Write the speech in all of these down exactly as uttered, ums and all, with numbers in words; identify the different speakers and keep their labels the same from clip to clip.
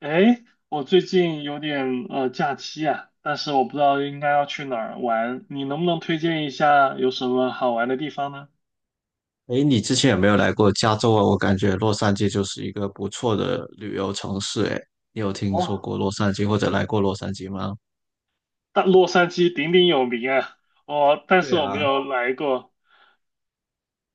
Speaker 1: 哎，我最近有点呃假期啊，但是我不知道应该要去哪儿玩，你能不能推荐一下有什么好玩的地方呢？
Speaker 2: 诶，你之前有没有来过加州啊？我感觉洛杉矶就是一个不错的旅游城市。诶，你有听说
Speaker 1: 哦，
Speaker 2: 过洛杉矶或者来过洛杉矶吗？
Speaker 1: 但洛杉矶鼎鼎有名啊。哦，但是
Speaker 2: 对
Speaker 1: 我没
Speaker 2: 啊，
Speaker 1: 有来过。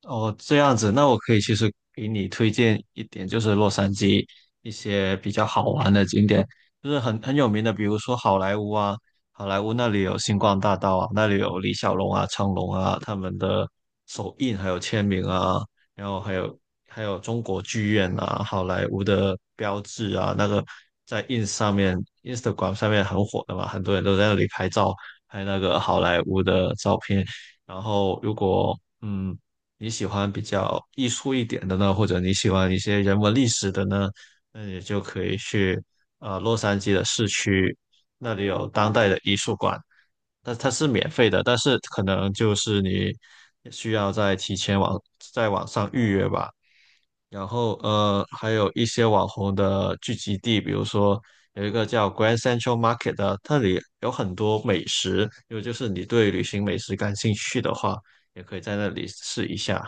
Speaker 2: 哦，这样子，那我可以其实给你推荐一点，就是洛杉矶一些比较好玩的景点，就是很很有名的，比如说好莱坞啊，好莱坞那里有星光大道啊，那里有李小龙啊、成龙啊他们的手印还有签名啊，然后还有还有中国剧院啊，好莱坞的标志啊，那个在 ins 上面、Instagram 上面很火的嘛，很多人都在那里拍照，拍那个好莱坞的照片。然后如果嗯你喜欢比较艺术一点的呢，或者你喜欢一些人文历史的呢，那你就可以去呃洛杉矶的市区，那里有当代的艺术馆，那它是免费的，但是可能就是你需要在提前网在网上预约吧。然后呃，还有一些网红的聚集地，比如说有一个叫 Grand Central Market 的，那里有很多美食，因为就是你对旅行美食感兴趣的话，也可以在那里试一下。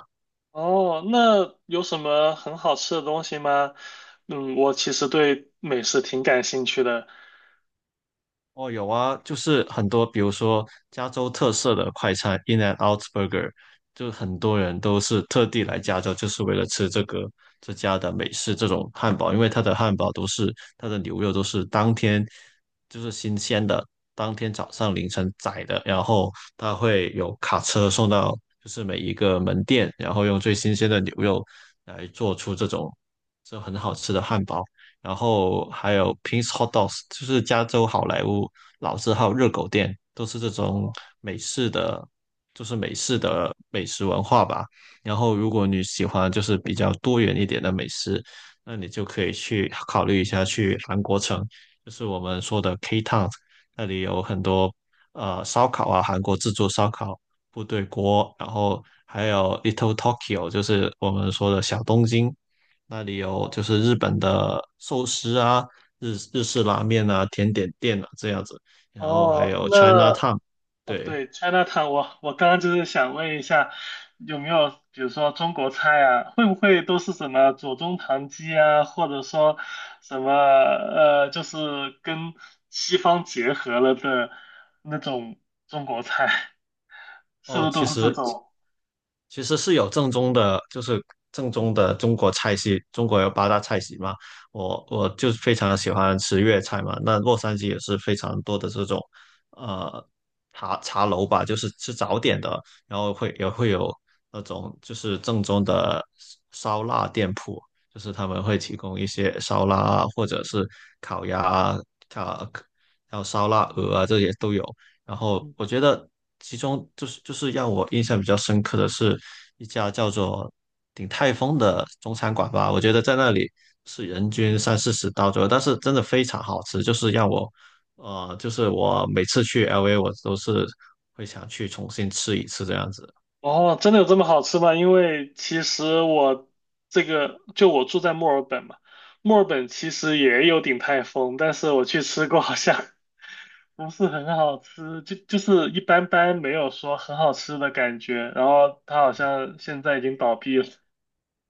Speaker 1: 哦，那有什么很好吃的东西吗？嗯，我其实对美食挺感兴趣的。
Speaker 2: 哦，有啊，就是很多，比如说加州特色的快餐 In and Out Burger，就很多人都是特地来加州，就是为了吃这个这家的美式这种汉堡，因为它的汉堡都是它的牛肉都是当天就是新鲜的，当天早上凌晨宰的，然后它会有卡车送到就是每一个门店，然后用最新鲜的牛肉来做出这种这很好吃的汉堡。然后还有 Ping's Hot Dogs，就是加州好莱坞老字号热狗店，都是这种
Speaker 1: 哦
Speaker 2: 美式的，就是美式的美食文化吧。然后如果你喜欢就是比较多元一点的美食，那你就可以去考虑一下去韩国城，就是我们说的 K Town，那里有很多呃烧烤啊，韩国自助烧烤、部队锅，然后还有 Little Tokyo，就是我们说的小东京。那里有就
Speaker 1: 哦
Speaker 2: 是日本的寿司啊、日日式拉面啊、甜点店啊这样子，然后还
Speaker 1: 哦，
Speaker 2: 有
Speaker 1: 那，
Speaker 2: China Town，
Speaker 1: 哦，
Speaker 2: 对，
Speaker 1: 对，China Town，我我刚刚就是想问一下，有没有比如说中国菜啊，会不会都是什么左宗棠鸡啊，或者说什么呃，就是跟西方结合了的那种中国菜，是不
Speaker 2: 哦，
Speaker 1: 是都啊
Speaker 2: 其
Speaker 1: 是这
Speaker 2: 实
Speaker 1: 种？
Speaker 2: 其实是有正宗的，就是正宗的中国菜系，中国有八大菜系嘛。我我就非常喜欢吃粤菜嘛。那洛杉矶也是非常多的这种，呃，茶茶楼吧，就是吃早点的，然后会也会有那种就是正宗的烧腊店铺，就是他们会提供一些烧腊啊，或者是烤鸭啊、烤还有烧腊鹅啊，这些都有。然 后
Speaker 1: 嗯。
Speaker 2: 我觉得其中就是就是让我印象比较深刻的是一家叫做鼎泰丰的中餐馆吧，我觉得在那里是人均三四十刀左右，但是真的非常好吃，就是让我呃，就是我每次去 L A 我都是会想去重新吃一次这样子。
Speaker 1: 哦，真的有这么好吃吗？因为其实我这个就我住在墨尔本嘛，墨尔本其实也有鼎泰丰，但是我去吃过，好像。不是很好吃，就就是一般般，没有说很好吃的感觉。然后它好像现在已经倒闭了。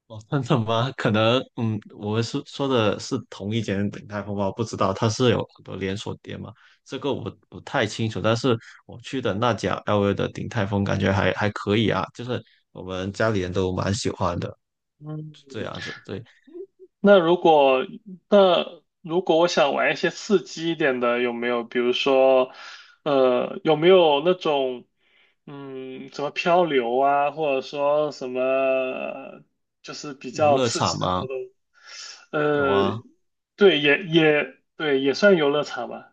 Speaker 2: 哦，真的吗？可能，嗯，我们是说的是同一间鼎泰丰吧，不知道它是有很多连锁店嘛，这个我不太清楚。但是我去的那家 L V 的鼎泰丰感觉还还可以啊，就是我们家里人都蛮喜欢的，
Speaker 1: 嗯，
Speaker 2: 这样子。对，
Speaker 1: 那如果那如果我想玩一些刺激一点的，有没有？比如说，呃，有没有那种嗯，什么漂流啊，或者说什么就是比
Speaker 2: 游
Speaker 1: 较
Speaker 2: 乐
Speaker 1: 刺激
Speaker 2: 场
Speaker 1: 的
Speaker 2: 吗？
Speaker 1: 活动？
Speaker 2: 有
Speaker 1: 呃，
Speaker 2: 啊，
Speaker 1: 对，也也对，也算游乐场吧。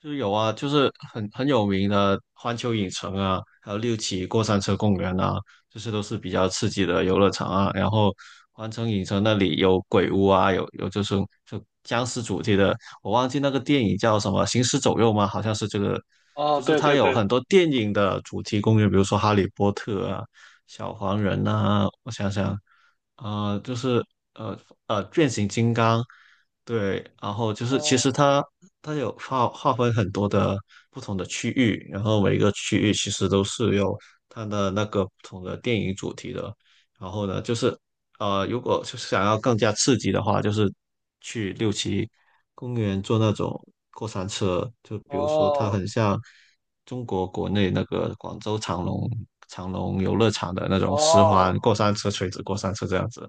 Speaker 2: 就是有啊，就是很很有名的环球影城啊，还有六旗过山车公园啊，这些都是比较刺激的游乐场啊。然后环城影城那里有鬼屋啊，有有就是就僵尸主题的，我忘记那个电影叫什么《行尸走肉》吗？好像是这个，
Speaker 1: 哦，
Speaker 2: 就是
Speaker 1: 对
Speaker 2: 它
Speaker 1: 对
Speaker 2: 有很
Speaker 1: 对。
Speaker 2: 多电影的主题公园，比如说《哈利波特》啊、小黄人啊，我想想，呃，就是呃呃变形金刚。对，然后就是其
Speaker 1: 哦
Speaker 2: 实它它有划划分很多的不同的区域，然后每个区域其实都是有它的那个不同的电影主题的。然后呢，就是呃，如果就是想要更加刺激的话，就是去六旗公园坐那种过山车，就比如说它
Speaker 1: 哦
Speaker 2: 很像中国国内那个广州长隆长隆游乐场的那种十环
Speaker 1: 哦，
Speaker 2: 过山车、垂直过山车这样子。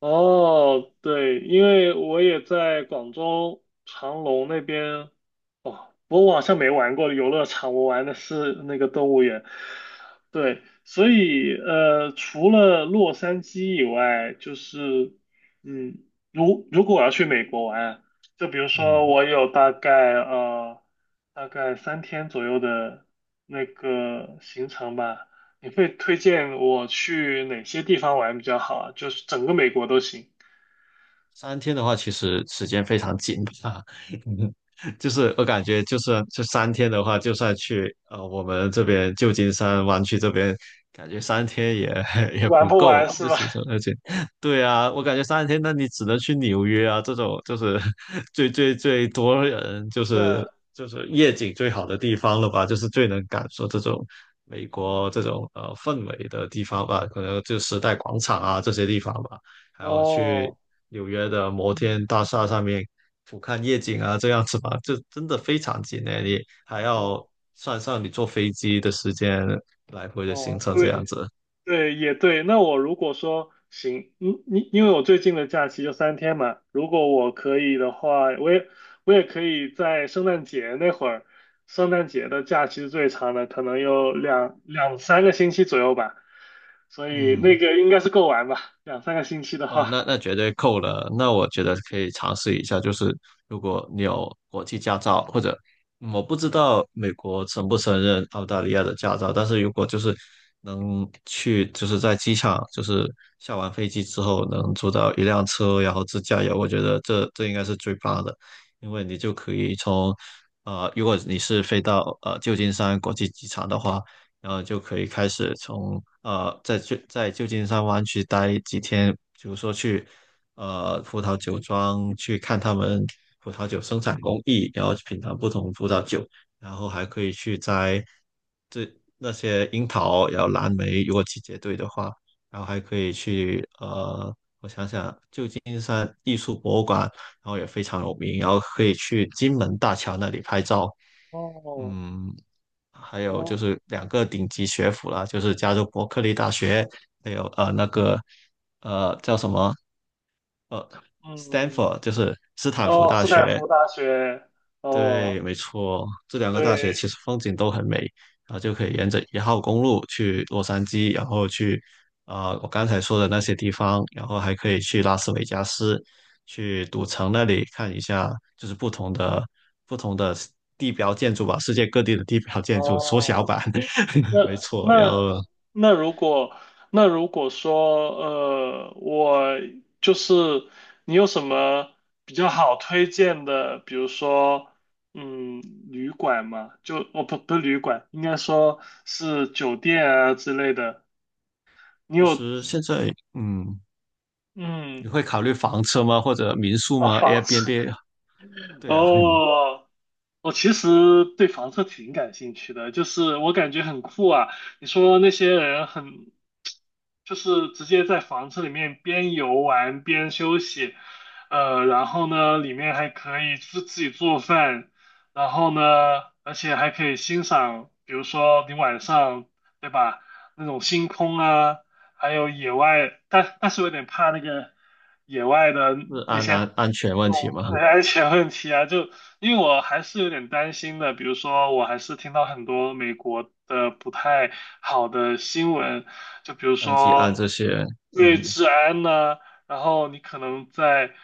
Speaker 1: 哦，对，因为我也在广州长隆那边。哦，我好像没玩过游乐场，我玩的是那个动物园。对，所以呃，除了洛杉矶以外，就是嗯，如如果我要去美国玩，就比如说
Speaker 2: 嗯。
Speaker 1: 我有大概呃大概三天左右的那个行程吧。你会推荐我去哪些地方玩比较好啊？就是整个美国都行。
Speaker 2: 三天的话，其实时间非常紧啊。就是我感觉，就是这三天的话，就算去呃我们这边旧金山湾区这边，感觉三天也 也
Speaker 1: 玩
Speaker 2: 不
Speaker 1: 不玩
Speaker 2: 够，
Speaker 1: 是
Speaker 2: 就
Speaker 1: 吧？
Speaker 2: 行程。而且，对啊，我感觉三天，那你只能去纽约啊，这种就是 最最最多人，就 是
Speaker 1: 那。
Speaker 2: 就是夜景最好的地方了吧，就是最能感受这种美国这种呃氛围的地方吧，可能就时代广场啊这些地方吧。还要去
Speaker 1: 哦
Speaker 2: 纽约的摩天大厦上面俯瞰夜景啊，这样子吧，这真的非常近诶，你还要
Speaker 1: 哦
Speaker 2: 算上你坐飞机的时间，来回的行
Speaker 1: 哦，
Speaker 2: 程这样
Speaker 1: 对
Speaker 2: 子，
Speaker 1: 对也对。那我如果说行，嗯，因因为我最近的假期就三天嘛，如果我可以的话，我也我也可以在圣诞节那会儿，圣诞节的假期是最长的，可能有两两三个星期左右吧，所以那
Speaker 2: 嗯。
Speaker 1: 个应该是够玩吧，两三个星期的
Speaker 2: 哦，
Speaker 1: 话。
Speaker 2: 那那绝对够了。那我觉得可以尝试一下，就是如果你有国际驾照，或者嗯我不知道美国承不承认澳大利亚的驾照，但是如果就是能去，就是在机场，就是下完飞机之后能租到一辆车，然后自驾游，我觉得这这应该是最棒的，因为你就可以从呃，如果你是飞到呃旧金山国际机场的话，然后就可以开始从呃在旧在旧金山湾区待几天，比如说去呃葡萄酒庄去看他们葡萄酒生产工艺，然后品尝不同葡萄酒，然后还可以去摘这那些樱桃，然后蓝莓，如果季节对的话，然后还可以去呃。我想想，旧金山艺术博物馆，然后也非常有名，然后可以去金门大桥那里拍照，
Speaker 1: 哦
Speaker 2: 嗯，还有就
Speaker 1: 哦。
Speaker 2: 是两个顶级学府啦，就是加州伯克利大学，还有呃那个呃叫什么呃
Speaker 1: 嗯。
Speaker 2: Stanford，就是斯坦福
Speaker 1: 哦，
Speaker 2: 大
Speaker 1: 斯坦
Speaker 2: 学，
Speaker 1: 福大学。哦，
Speaker 2: 对，没错，这两个大学
Speaker 1: 对。
Speaker 2: 其实风景都很美，然后就可以沿着一号公路去洛杉矶，然后去呃我刚才说的那些地方，然后还可以去拉斯维加斯，去赌城那里看一下，就是不同的不同的地标建筑吧，世界各地的地标建筑缩小
Speaker 1: 哦，
Speaker 2: 版，
Speaker 1: 那
Speaker 2: 没错。然
Speaker 1: 那
Speaker 2: 后
Speaker 1: 那如果那如果说，呃，我就是你有什么比较好推荐的，比如说，嗯，旅馆嘛，就哦不不是旅馆，应该说是酒店啊之类的，你
Speaker 2: 其
Speaker 1: 有
Speaker 2: 实现在嗯，你
Speaker 1: 嗯
Speaker 2: 会考虑房车吗？或者民宿
Speaker 1: 啊
Speaker 2: 吗
Speaker 1: 房子。
Speaker 2: ？Airbnb？对啊，嗯
Speaker 1: 哦。我其实对房车挺感兴趣的，就是我感觉很酷啊。你说那些人很，就是直接在房车里面边游玩边休息，呃，然后呢，里面还可以自自己做饭，然后呢，而且还可以欣赏，比如说你晚上，对吧，那种星空啊，还有野外，但但是我有点怕那个野外的
Speaker 2: 是
Speaker 1: 那
Speaker 2: 安
Speaker 1: 些。
Speaker 2: 安安全问题吗？
Speaker 1: 对安全问题啊，就因为我还是有点担心的，比如说我还是听到很多美国的不太好的新闻，就比如
Speaker 2: 像提案
Speaker 1: 说
Speaker 2: 这些，
Speaker 1: 对
Speaker 2: 嗯
Speaker 1: 治安呐、然后你可能在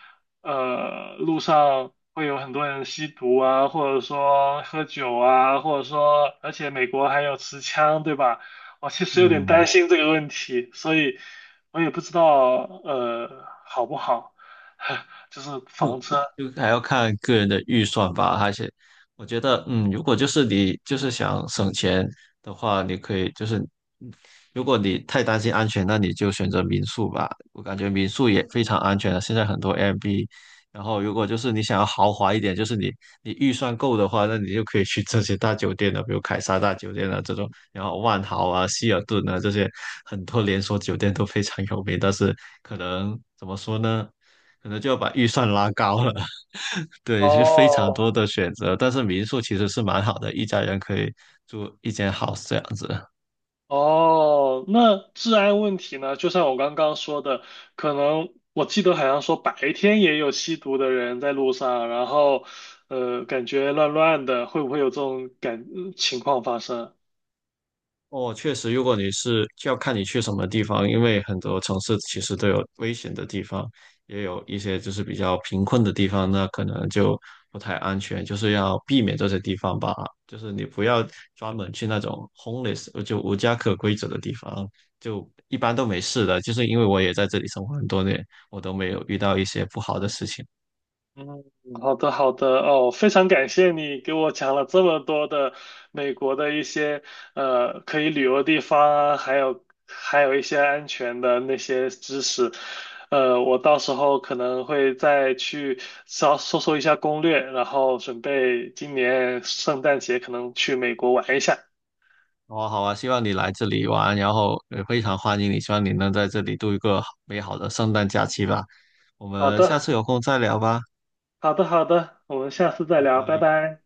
Speaker 1: 呃路上会有很多人吸毒啊，或者说喝酒啊，或者说而且美国还有持枪，对吧？我其实有点担
Speaker 2: 嗯，
Speaker 1: 心这个问题，所以我也不知道呃好不好。就是房
Speaker 2: 就
Speaker 1: 车。
Speaker 2: 就还要看个人的预算吧，而且我觉得，嗯，如果就是你就是想省钱的话，你可以就是，嗯如果你太担心安全，那你就选择民宿吧。我感觉民宿也非常安全了，现在很多 Airbnb。然后，如果就是你想要豪华一点，就是你你预算够的话，那你就可以去这些大酒店了，比如凯撒大酒店啊这种，然后万豪啊、希尔顿啊这些很多连锁酒店都非常有名，但是可能怎么说呢？可能就要把预算拉高了。对，是非常
Speaker 1: 哦
Speaker 2: 多的选择，但是民宿其实是蛮好的，一家人可以住一间 house 这样子。
Speaker 1: 哦，那治安问题呢？就像我刚刚说的，可能我记得好像说白天也有吸毒的人在路上，然后呃，感觉乱乱的，会不会有这种感呃情况发生啊？
Speaker 2: 哦，确实，如果你是就要看你去什么地方，因为很多城市其实都有危险的地方，也有一些就是比较贫困的地方，那可能就不太安全，就是要避免这些地方吧。就是你不要专门去那种 homeless 呃就无家可归者的地方，就一般都没事的。就是因为我也在这里生活很多年，我都没有遇到一些不好的事情。
Speaker 1: 嗯，好的好的哦，非常感谢你给我讲了这么多的美国的一些呃可以旅游的地方啊，还有还有一些安全的那些知识，呃，我到时候可能会再去稍搜索一下攻略，然后准备今年圣诞节可能去美国玩一下。
Speaker 2: 好啊，好啊，希望你来这里玩，然后也非常欢迎你，希望你能在这里度一个美好的圣诞假期吧。我
Speaker 1: 好
Speaker 2: 们下
Speaker 1: 的
Speaker 2: 次有空再聊吧，
Speaker 1: 好的好的，我们下次再
Speaker 2: 拜
Speaker 1: 聊，拜
Speaker 2: 拜。
Speaker 1: 拜。